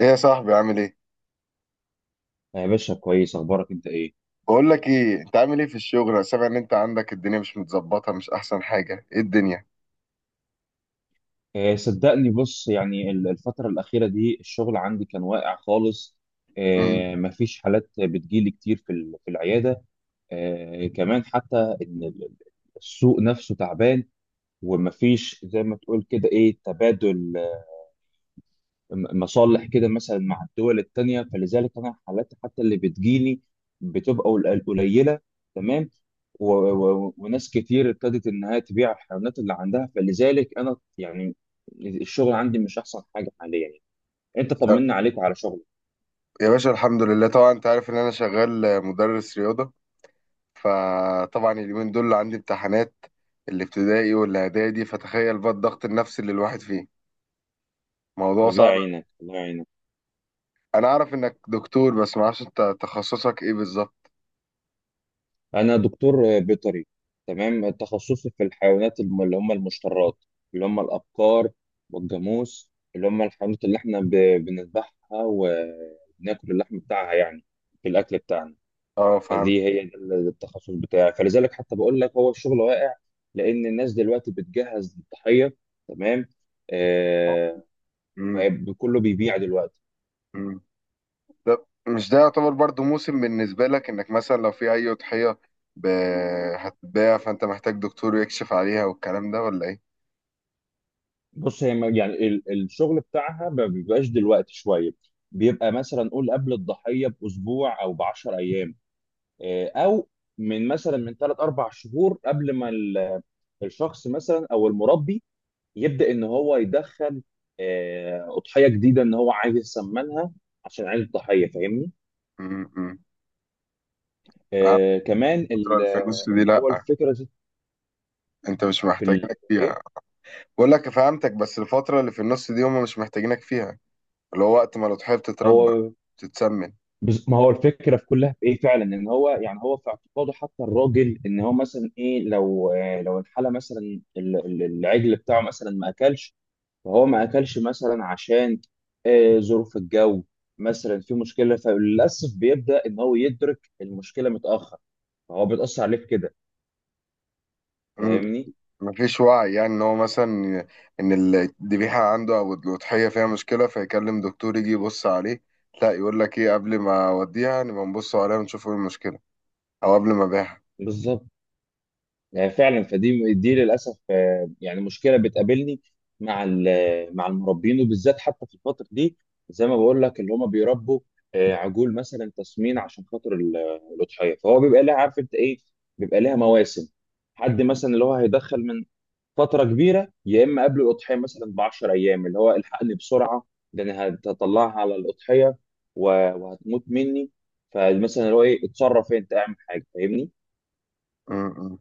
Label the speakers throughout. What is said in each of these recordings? Speaker 1: ايه يا صاحبي عامل ايه؟
Speaker 2: يا باشا، كويس. اخبارك انت ايه؟
Speaker 1: بقول لك ايه انت عامل ايه في الشغل؟ انا سامع ان انت عندك الدنيا مش متظبطه مش احسن حاجه، ايه الدنيا؟
Speaker 2: صدقني، بص يعني الفتره الاخيره دي الشغل عندي كان واقع خالص.
Speaker 1: امم
Speaker 2: مفيش حالات بتجيلي كتير في في العياده. آه، كمان حتى ان ال- السوق نفسه تعبان، ومفيش زي ما تقول كده ايه، تبادل مصالح كده مثلا مع الدول التانية. فلذلك أنا الحالات حتى اللي بتجيلي بتبقى قليلة. تمام. وناس كتير ابتدت إنها تبيع الحيوانات اللي عندها، فلذلك أنا يعني الشغل عندي مش أحسن حاجة حاليا. أنت طمنا عليك وعلى شغلك.
Speaker 1: يا باشا الحمد لله طبعا انت عارف ان انا شغال مدرس رياضه. فطبعا اليومين دول عندي امتحانات الابتدائي والاعدادي، فتخيل بقى الضغط النفسي اللي الواحد فيه، موضوع
Speaker 2: الله
Speaker 1: صعب.
Speaker 2: يعينك، الله يعينك.
Speaker 1: انا اعرف انك دكتور بس ما اعرفش انت تخصصك ايه بالظبط؟
Speaker 2: انا دكتور بيطري. تمام، تخصصي في الحيوانات اللي هم المشترات، اللي هم الابقار والجاموس، اللي هم الحيوانات اللي احنا بنذبحها وبناكل اللحم بتاعها يعني في الاكل بتاعنا.
Speaker 1: اه فهمت.
Speaker 2: فدي هي ده التخصص بتاعي، فلذلك حتى بقول لك هو الشغل واقع لان الناس دلوقتي بتجهز للضحيه. تمام. آه. فكله بيبيع دلوقتي.
Speaker 1: امم طب مش ده يعتبر برضو موسم بالنسبة لك انك مثلا لو في اي أضحية ب... هتتباع فانت محتاج دكتور يكشف عليها والكلام ده ولا ايه؟
Speaker 2: بص هي يعني الشغل بتاعها ما بيبقاش دلوقتي شويه. بيبقى مثلا نقول قبل الضحيه باسبوع او ب 10 ايام. او من مثلا من ثلاث اربع شهور قبل ما الشخص مثلا او المربي يبدا ان هو يدخل اضحيه جديده، ان هو عايز يسمنها عشان عيد الضحيه. فاهمني؟
Speaker 1: امم
Speaker 2: آه، كمان
Speaker 1: الفترة
Speaker 2: ال-
Speaker 1: اللي في النص دي
Speaker 2: اللي هو
Speaker 1: لأ،
Speaker 2: الفكره
Speaker 1: انت مش
Speaker 2: في
Speaker 1: محتاجينك فيها.
Speaker 2: ايه،
Speaker 1: بقول لك فهمتك بس الفترة اللي في النص دي هم مش محتاجينك فيها، اللي هو وقت ما الأضحية بتتربى،
Speaker 2: هو
Speaker 1: بتتسمن.
Speaker 2: ما هو الفكره في كلها في ايه فعلا، ان هو يعني هو في اعتقاده حتى الراجل ان هو مثلا ايه، لو لو الحاله مثلا العجل بتاعه مثلا ما اكلش. فهو ما اكلش مثلا عشان ظروف الجو مثلا، في مشكله. فللاسف بيبدا ان هو يدرك المشكله متاخر، فهو بيتاثر عليه في كده.
Speaker 1: مم.
Speaker 2: فاهمني؟
Speaker 1: مفيش وعي يعني ان هو مثلا ان الذبيحة عنده او الأضحية فيها مشكلة فيكلم دكتور يجي يبص عليه. لا يقول لك ايه، قبل ما اوديها نبقى نبص عليها ونشوف ايه المشكلة، او قبل ما ابيعها.
Speaker 2: بالظبط. فعلا. فدي دي للاسف يعني مشكله بتقابلني مع مع المربين، وبالذات حتى في الفتره دي، زي ما بقول لك اللي هم بيربوا عجول مثلا تسمين عشان خاطر الاضحيه. فهو بيبقى لها، عارف انت ايه، بيبقى لها مواسم. حد مثلا اللي هو هيدخل من فتره كبيره، يا اما قبل الاضحيه مثلا ب 10 ايام اللي هو الحقني بسرعه، ده انا هطلعها على الاضحيه و- وهتموت مني. فمثلا اللي هو ايه، اتصرف انت، اعمل حاجه. فاهمني؟
Speaker 1: امم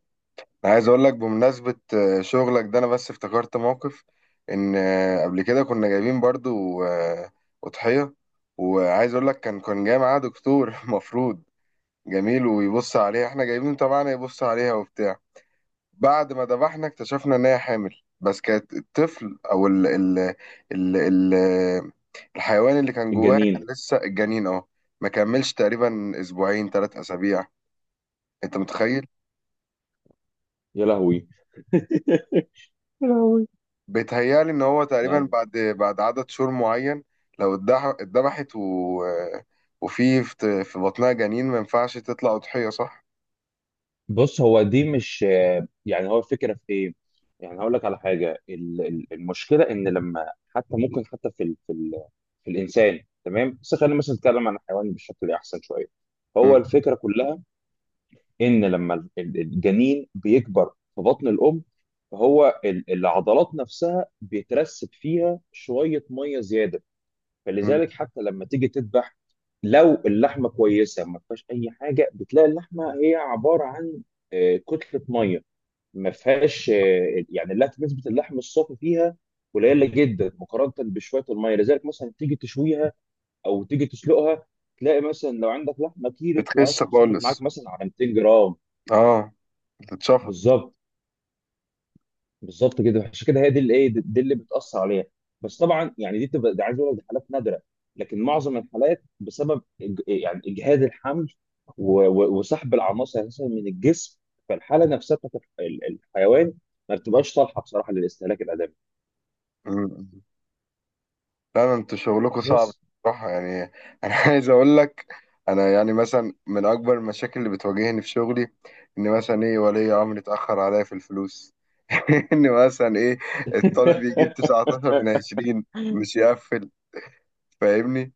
Speaker 1: أنا عايز اقول لك بمناسبة شغلك ده انا بس افتكرت موقف. ان قبل كده كنا جايبين برضو أضحية، وعايز اقول لك كان جاي معاه دكتور مفروض جميل ويبص عليها، احنا جايبين طبعا يبص عليها وبتاع. بعد ما ذبحنا اكتشفنا ان هي حامل، بس كانت الطفل او ال الحيوان اللي كان جواها
Speaker 2: الجنين.
Speaker 1: كان لسه الجنين. اه ما كملش تقريبا اسبوعين ثلاث اسابيع، انت متخيل؟
Speaker 2: يا لهوي.
Speaker 1: بيتهيألي إن هو تقريبا بعد بعد عدد شهور معين، لو اتذبحت وفي في بطنها جنين، ما ينفعش تطلع أضحية صح؟
Speaker 2: بص، هو دي مش يعني، هو الفكره في ايه؟ يعني هقول لك على حاجه، المشكله ان لما حتى ممكن حتى في الانسان، تمام، بس خلينا مثلا نتكلم عن الحيوان بشكل احسن شويه. هو
Speaker 1: مم.
Speaker 2: الفكره كلها ان لما الجنين بيكبر في بطن الام، فهو العضلات نفسها بيترسب فيها شويه ميه زياده.
Speaker 1: مم.
Speaker 2: فلذلك حتى لما تيجي تذبح، لو اللحمه كويسه ما فيهاش اي حاجه، بتلاقي اللحمه هي عباره عن كتله ميه. ما فيهاش يعني، لا نسبه اللحم الصافي فيها قليله جدا مقارنه بشويه الميه. لذلك مثلا تيجي تشويها او تيجي تسلقها، تلاقي مثلا لو عندك لحمه كيلو تلاقيها
Speaker 1: بتخس
Speaker 2: صفصفت
Speaker 1: خالص،
Speaker 2: معاك مثلا على 200 جرام.
Speaker 1: اه، بتتشفط.
Speaker 2: بالظبط، بالظبط كده، عشان كده هي دي اللي ايه، دي اللي بتاثر عليها. بس طبعا يعني دي بتبقى، دي عايز اقول لك دي حالات نادره. لكن معظم الحالات بسبب يعني اجهاد الحمل وسحب العناصر اساسا من الجسم، فالحاله نفسها بتاعت الحيوان ما بتبقاش صالحه بصراحه للاستهلاك الادمي.
Speaker 1: مم. لا ده انتوا شغلكوا صعب
Speaker 2: بس
Speaker 1: بصراحة يعني. أنا عايز أقول لك، أنا يعني مثلا من أكبر المشاكل اللي بتواجهني في شغلي إن مثلا إيه ولي أمر اتأخر عليا في الفلوس. إن مثلا إيه الطالب يجيب 19 من 20 مش يقفل، فاهمني؟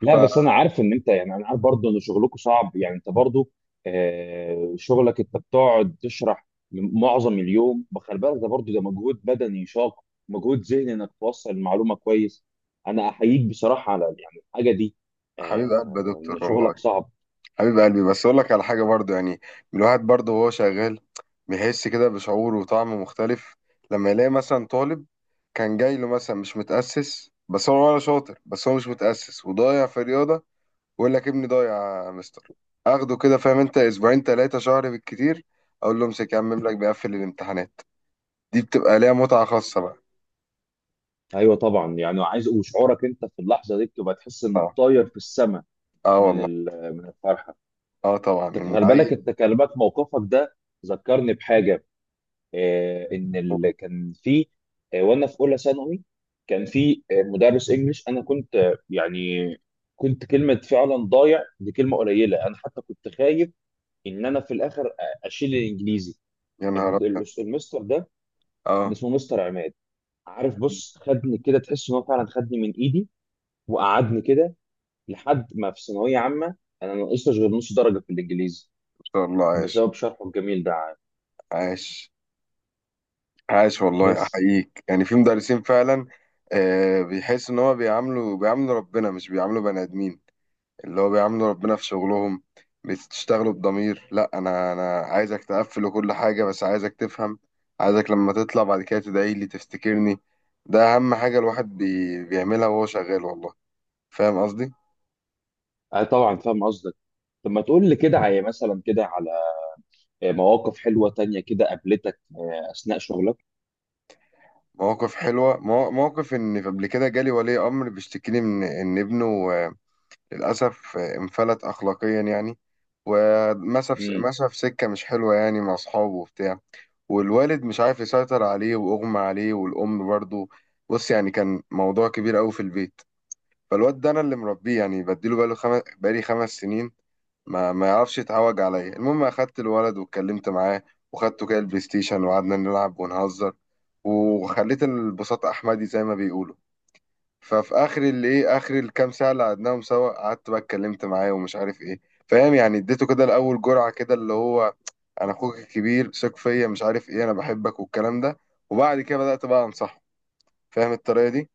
Speaker 2: لا بس انا عارف ان انت يعني، انا عارف برضه ان شغلكم صعب، يعني انت برضه شغلك انت بتقعد تشرح معظم اليوم، بخلي بالك ده برضه ده مجهود بدني شاق، مجهود ذهني انك توصل المعلومه كويس. انا احييك بصراحه على يعني الحاجه دي،
Speaker 1: حبيب قلبي يا
Speaker 2: ان
Speaker 1: دكتور والله.
Speaker 2: شغلك صعب.
Speaker 1: حبيب قلبي بس اقول لك على حاجه برضو يعني، الواحد برضو وهو شغال بيحس كده بشعور وطعم مختلف لما يلاقي مثلا طالب كان جاي له مثلا مش متاسس، بس هو ولا شاطر بس هو مش متاسس وضايع في رياضه، ويقول لك ابني ضايع يا مستر. اخده كده، فاهم انت، اسبوعين ثلاثه شهر بالكتير، اقول له امسك يا عم املك بيقفل الامتحانات. دي بتبقى ليها متعه خاصه بقى.
Speaker 2: ايوه طبعا، يعني عايز، وشعورك انت في اللحظه دي بتبقى تحس انك
Speaker 1: اه،
Speaker 2: طاير في السماء
Speaker 1: اه
Speaker 2: من
Speaker 1: والله.
Speaker 2: من الفرحه.
Speaker 1: اه طبعا
Speaker 2: انت
Speaker 1: إن
Speaker 2: خلي بالك،
Speaker 1: عيل.
Speaker 2: انت كلمات موقفك ده ذكرني بحاجه. كان في، وانا في اولى ثانوي، كان في مدرس انجليش. انا كنت يعني كنت، كلمه فعلا ضايع دي كلمه قليله. انا حتى كنت خايف ان انا في الاخر اشيل الانجليزي.
Speaker 1: يا نهار ابيض.
Speaker 2: المستر ده كان
Speaker 1: اه،
Speaker 2: اسمه مستر عماد. عارف، بص، خدني كده تحس ان هو فعلا خدني من ايدي وقعدني كده، لحد ما في ثانويه عامه انا ما نقصتش غير نص درجه في الانجليزي
Speaker 1: ما شاء الله. عايش،
Speaker 2: بسبب شرحه الجميل ده.
Speaker 1: عاش، عاش والله،
Speaker 2: بس
Speaker 1: احييك. يعني في مدرسين فعلا بيحس ان هو بيعاملوا ربنا، مش بيعاملوا بني ادمين، اللي هو بيعاملوا ربنا في شغلهم. بتشتغلوا بضمير، لا انا عايزك تقفل كل حاجه بس عايزك تفهم، عايزك لما تطلع بعد كده تدعي لي تفتكرني. ده اهم حاجه الواحد بيعملها وهو شغال والله، فاهم قصدي؟
Speaker 2: طبعا فاهم قصدك. طب ما تقول لي كده على، مثلا كده مواقف حلوة تانية كده قابلتك أثناء شغلك؟
Speaker 1: مواقف حلوه، موقف ان قبل كده جالي ولي امر بيشتكيني من ان ابنه آه، للأسف انفلت أخلاقيا يعني، ومشى في
Speaker 2: امم.
Speaker 1: مشى في سكة مش حلوة يعني مع أصحابه وبتاع. والوالد مش عارف يسيطر عليه وأغمى عليه، والأم برضه. بص يعني كان موضوع كبير أوي في البيت. فالواد ده أنا اللي مربيه يعني، بديله بقالي خمس سنين، ما يعرفش يتعوج عليا. المهم أخدت الولد واتكلمت معاه، وخدته كده البلاي ستيشن وقعدنا نلعب ونهزر، وخليت البساط أحمدي زي ما بيقولوا. ففي اخر اللي ايه اخر الكام ساعه اللي قعدناهم سوا، قعدت بقى اتكلمت معاه ومش عارف ايه، فاهم يعني؟ اديته كده الاول جرعه كده اللي هو انا اخوك الكبير ثق فيا مش عارف ايه انا بحبك والكلام ده، وبعد كده بدات بقى انصحه، فاهم الطريقه دي؟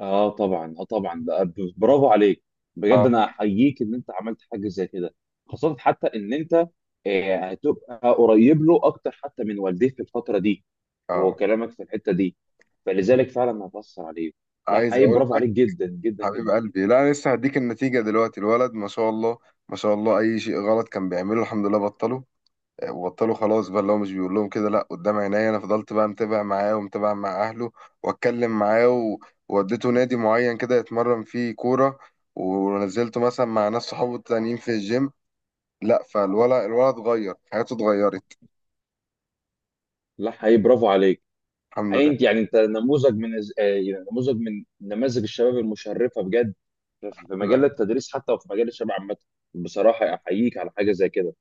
Speaker 2: اه طبعا، اه طبعا. ده برافو عليك. بجد
Speaker 1: اه،
Speaker 2: انا احييك ان انت عملت حاجة زي كده، خاصة حتى ان انت هتبقى قريب له اكتر حتى من والديه في الفترة دي، وهو
Speaker 1: اه.
Speaker 2: كلامك في الحتة دي فلذلك فعلا هتأثر عليه. لا
Speaker 1: عايز
Speaker 2: حقيقي
Speaker 1: اقول
Speaker 2: برافو
Speaker 1: لك،
Speaker 2: عليك جدا جدا
Speaker 1: حبيب
Speaker 2: جدا.
Speaker 1: قلبي، لا انا لسه هديك النتيجه دلوقتي. الولد ما شاء الله ما شاء الله اي شيء غلط كان بيعمله الحمد لله بطله. وبطلوا خلاص بقى، اللي هو مش بيقول لهم كده، لا قدام عينيا انا فضلت بقى متابع معاه ومتابع مع اهله، واتكلم معاه ووديته نادي معين كده يتمرن فيه كوره، ونزلته مثلا مع ناس صحابه التانيين في الجيم. لا الولد اتغير، حياته اتغيرت،
Speaker 2: لا حقيقي برافو عليك.
Speaker 1: الحمد
Speaker 2: حقيقي
Speaker 1: لله.
Speaker 2: انت يعني، انت نموذج من يعني نموذج من نماذج الشباب المشرفه بجد، في في
Speaker 1: يبقى،
Speaker 2: مجال التدريس حتى وفي مجال الشباب عامه. بصراحه احييك على حاجه زي كده،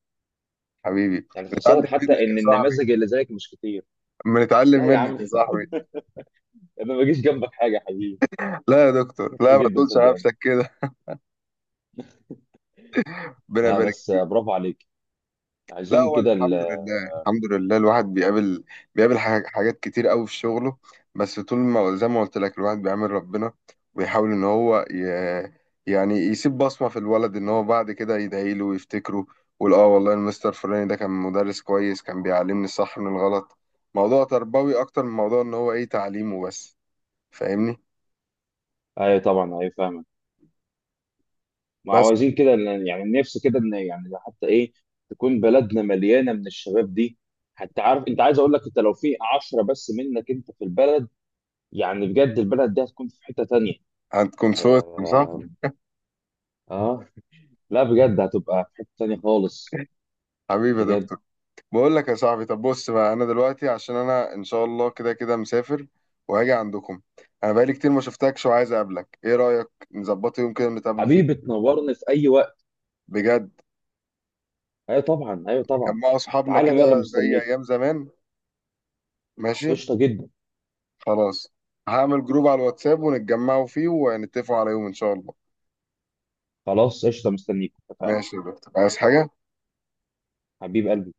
Speaker 1: حبيبي
Speaker 2: يعني
Speaker 1: بنتعلم
Speaker 2: خاصه حتى
Speaker 1: منك يا
Speaker 2: ان
Speaker 1: صاحبي،
Speaker 2: النماذج اللي زيك مش كتير.
Speaker 1: بنتعلم
Speaker 2: لا يا عم
Speaker 1: منك يا صاحبي.
Speaker 2: انا ما بجيش جنبك حاجه يا حبيبي،
Speaker 1: لا يا دكتور،
Speaker 2: شاطر
Speaker 1: لا ما
Speaker 2: جدا
Speaker 1: تقولش على
Speaker 2: صدقني.
Speaker 1: نفسك كده. ربنا
Speaker 2: لا
Speaker 1: يبارك.
Speaker 2: بس برافو عليك.
Speaker 1: لا
Speaker 2: عايزين
Speaker 1: هو
Speaker 2: كده
Speaker 1: الحمد لله، الحمد لله. الواحد بيقابل حاجات كتير قوي في شغله، بس طول ما زي ما قلت لك الواحد بيعمل ربنا، ويحاول ان هو يعني يسيب بصمة في الولد ان هو بعد كده يدعي له ويفتكره، ويقول اه والله المستر فلاني ده كان مدرس كويس كان بيعلمني الصح من الغلط. موضوع تربوي اكتر من موضوع ان هو ايه تعليمه بس، فاهمني؟
Speaker 2: ايوه طبعا، ايوه فاهمك. ما هو
Speaker 1: بس
Speaker 2: عايزين كده يعني نفسي كده ان، يعني حتى ايه، تكون بلدنا مليانه من الشباب دي. حتى عارف انت، عايز اقول لك انت لو في 10 بس منك انت في البلد، يعني بجد البلد دي هتكون في حتة تانية.
Speaker 1: هتكون صوت. صح.
Speaker 2: آه، آه. لا بجد هتبقى في حتة تانية خالص،
Speaker 1: حبيبي يا
Speaker 2: بجد.
Speaker 1: دكتور. بقول لك يا صاحبي، طب بص بقى، انا دلوقتي عشان انا ان شاء الله كده كده مسافر وهاجي عندكم. انا بقالي كتير ما شفتكش وعايز اقابلك، ايه رايك نظبطه يوم كده نتقابلوا فيه؟
Speaker 2: حبيبي تنورني في أي وقت.
Speaker 1: بجد
Speaker 2: أيوة طبعا، أيوة طبعا.
Speaker 1: جمعوا اصحابنا
Speaker 2: تعالى
Speaker 1: كده
Speaker 2: يلا
Speaker 1: زي
Speaker 2: مستنيك.
Speaker 1: ايام زمان. ماشي،
Speaker 2: قشطة جدا.
Speaker 1: خلاص، هعمل جروب على الواتساب ونتجمعوا فيه ونتفقوا على يوم ان شاء الله.
Speaker 2: خلاص، قشطة، مستنيك، اتفقنا.
Speaker 1: ماشي يا دكتور، عايز حاجه؟
Speaker 2: حبيب قلبي.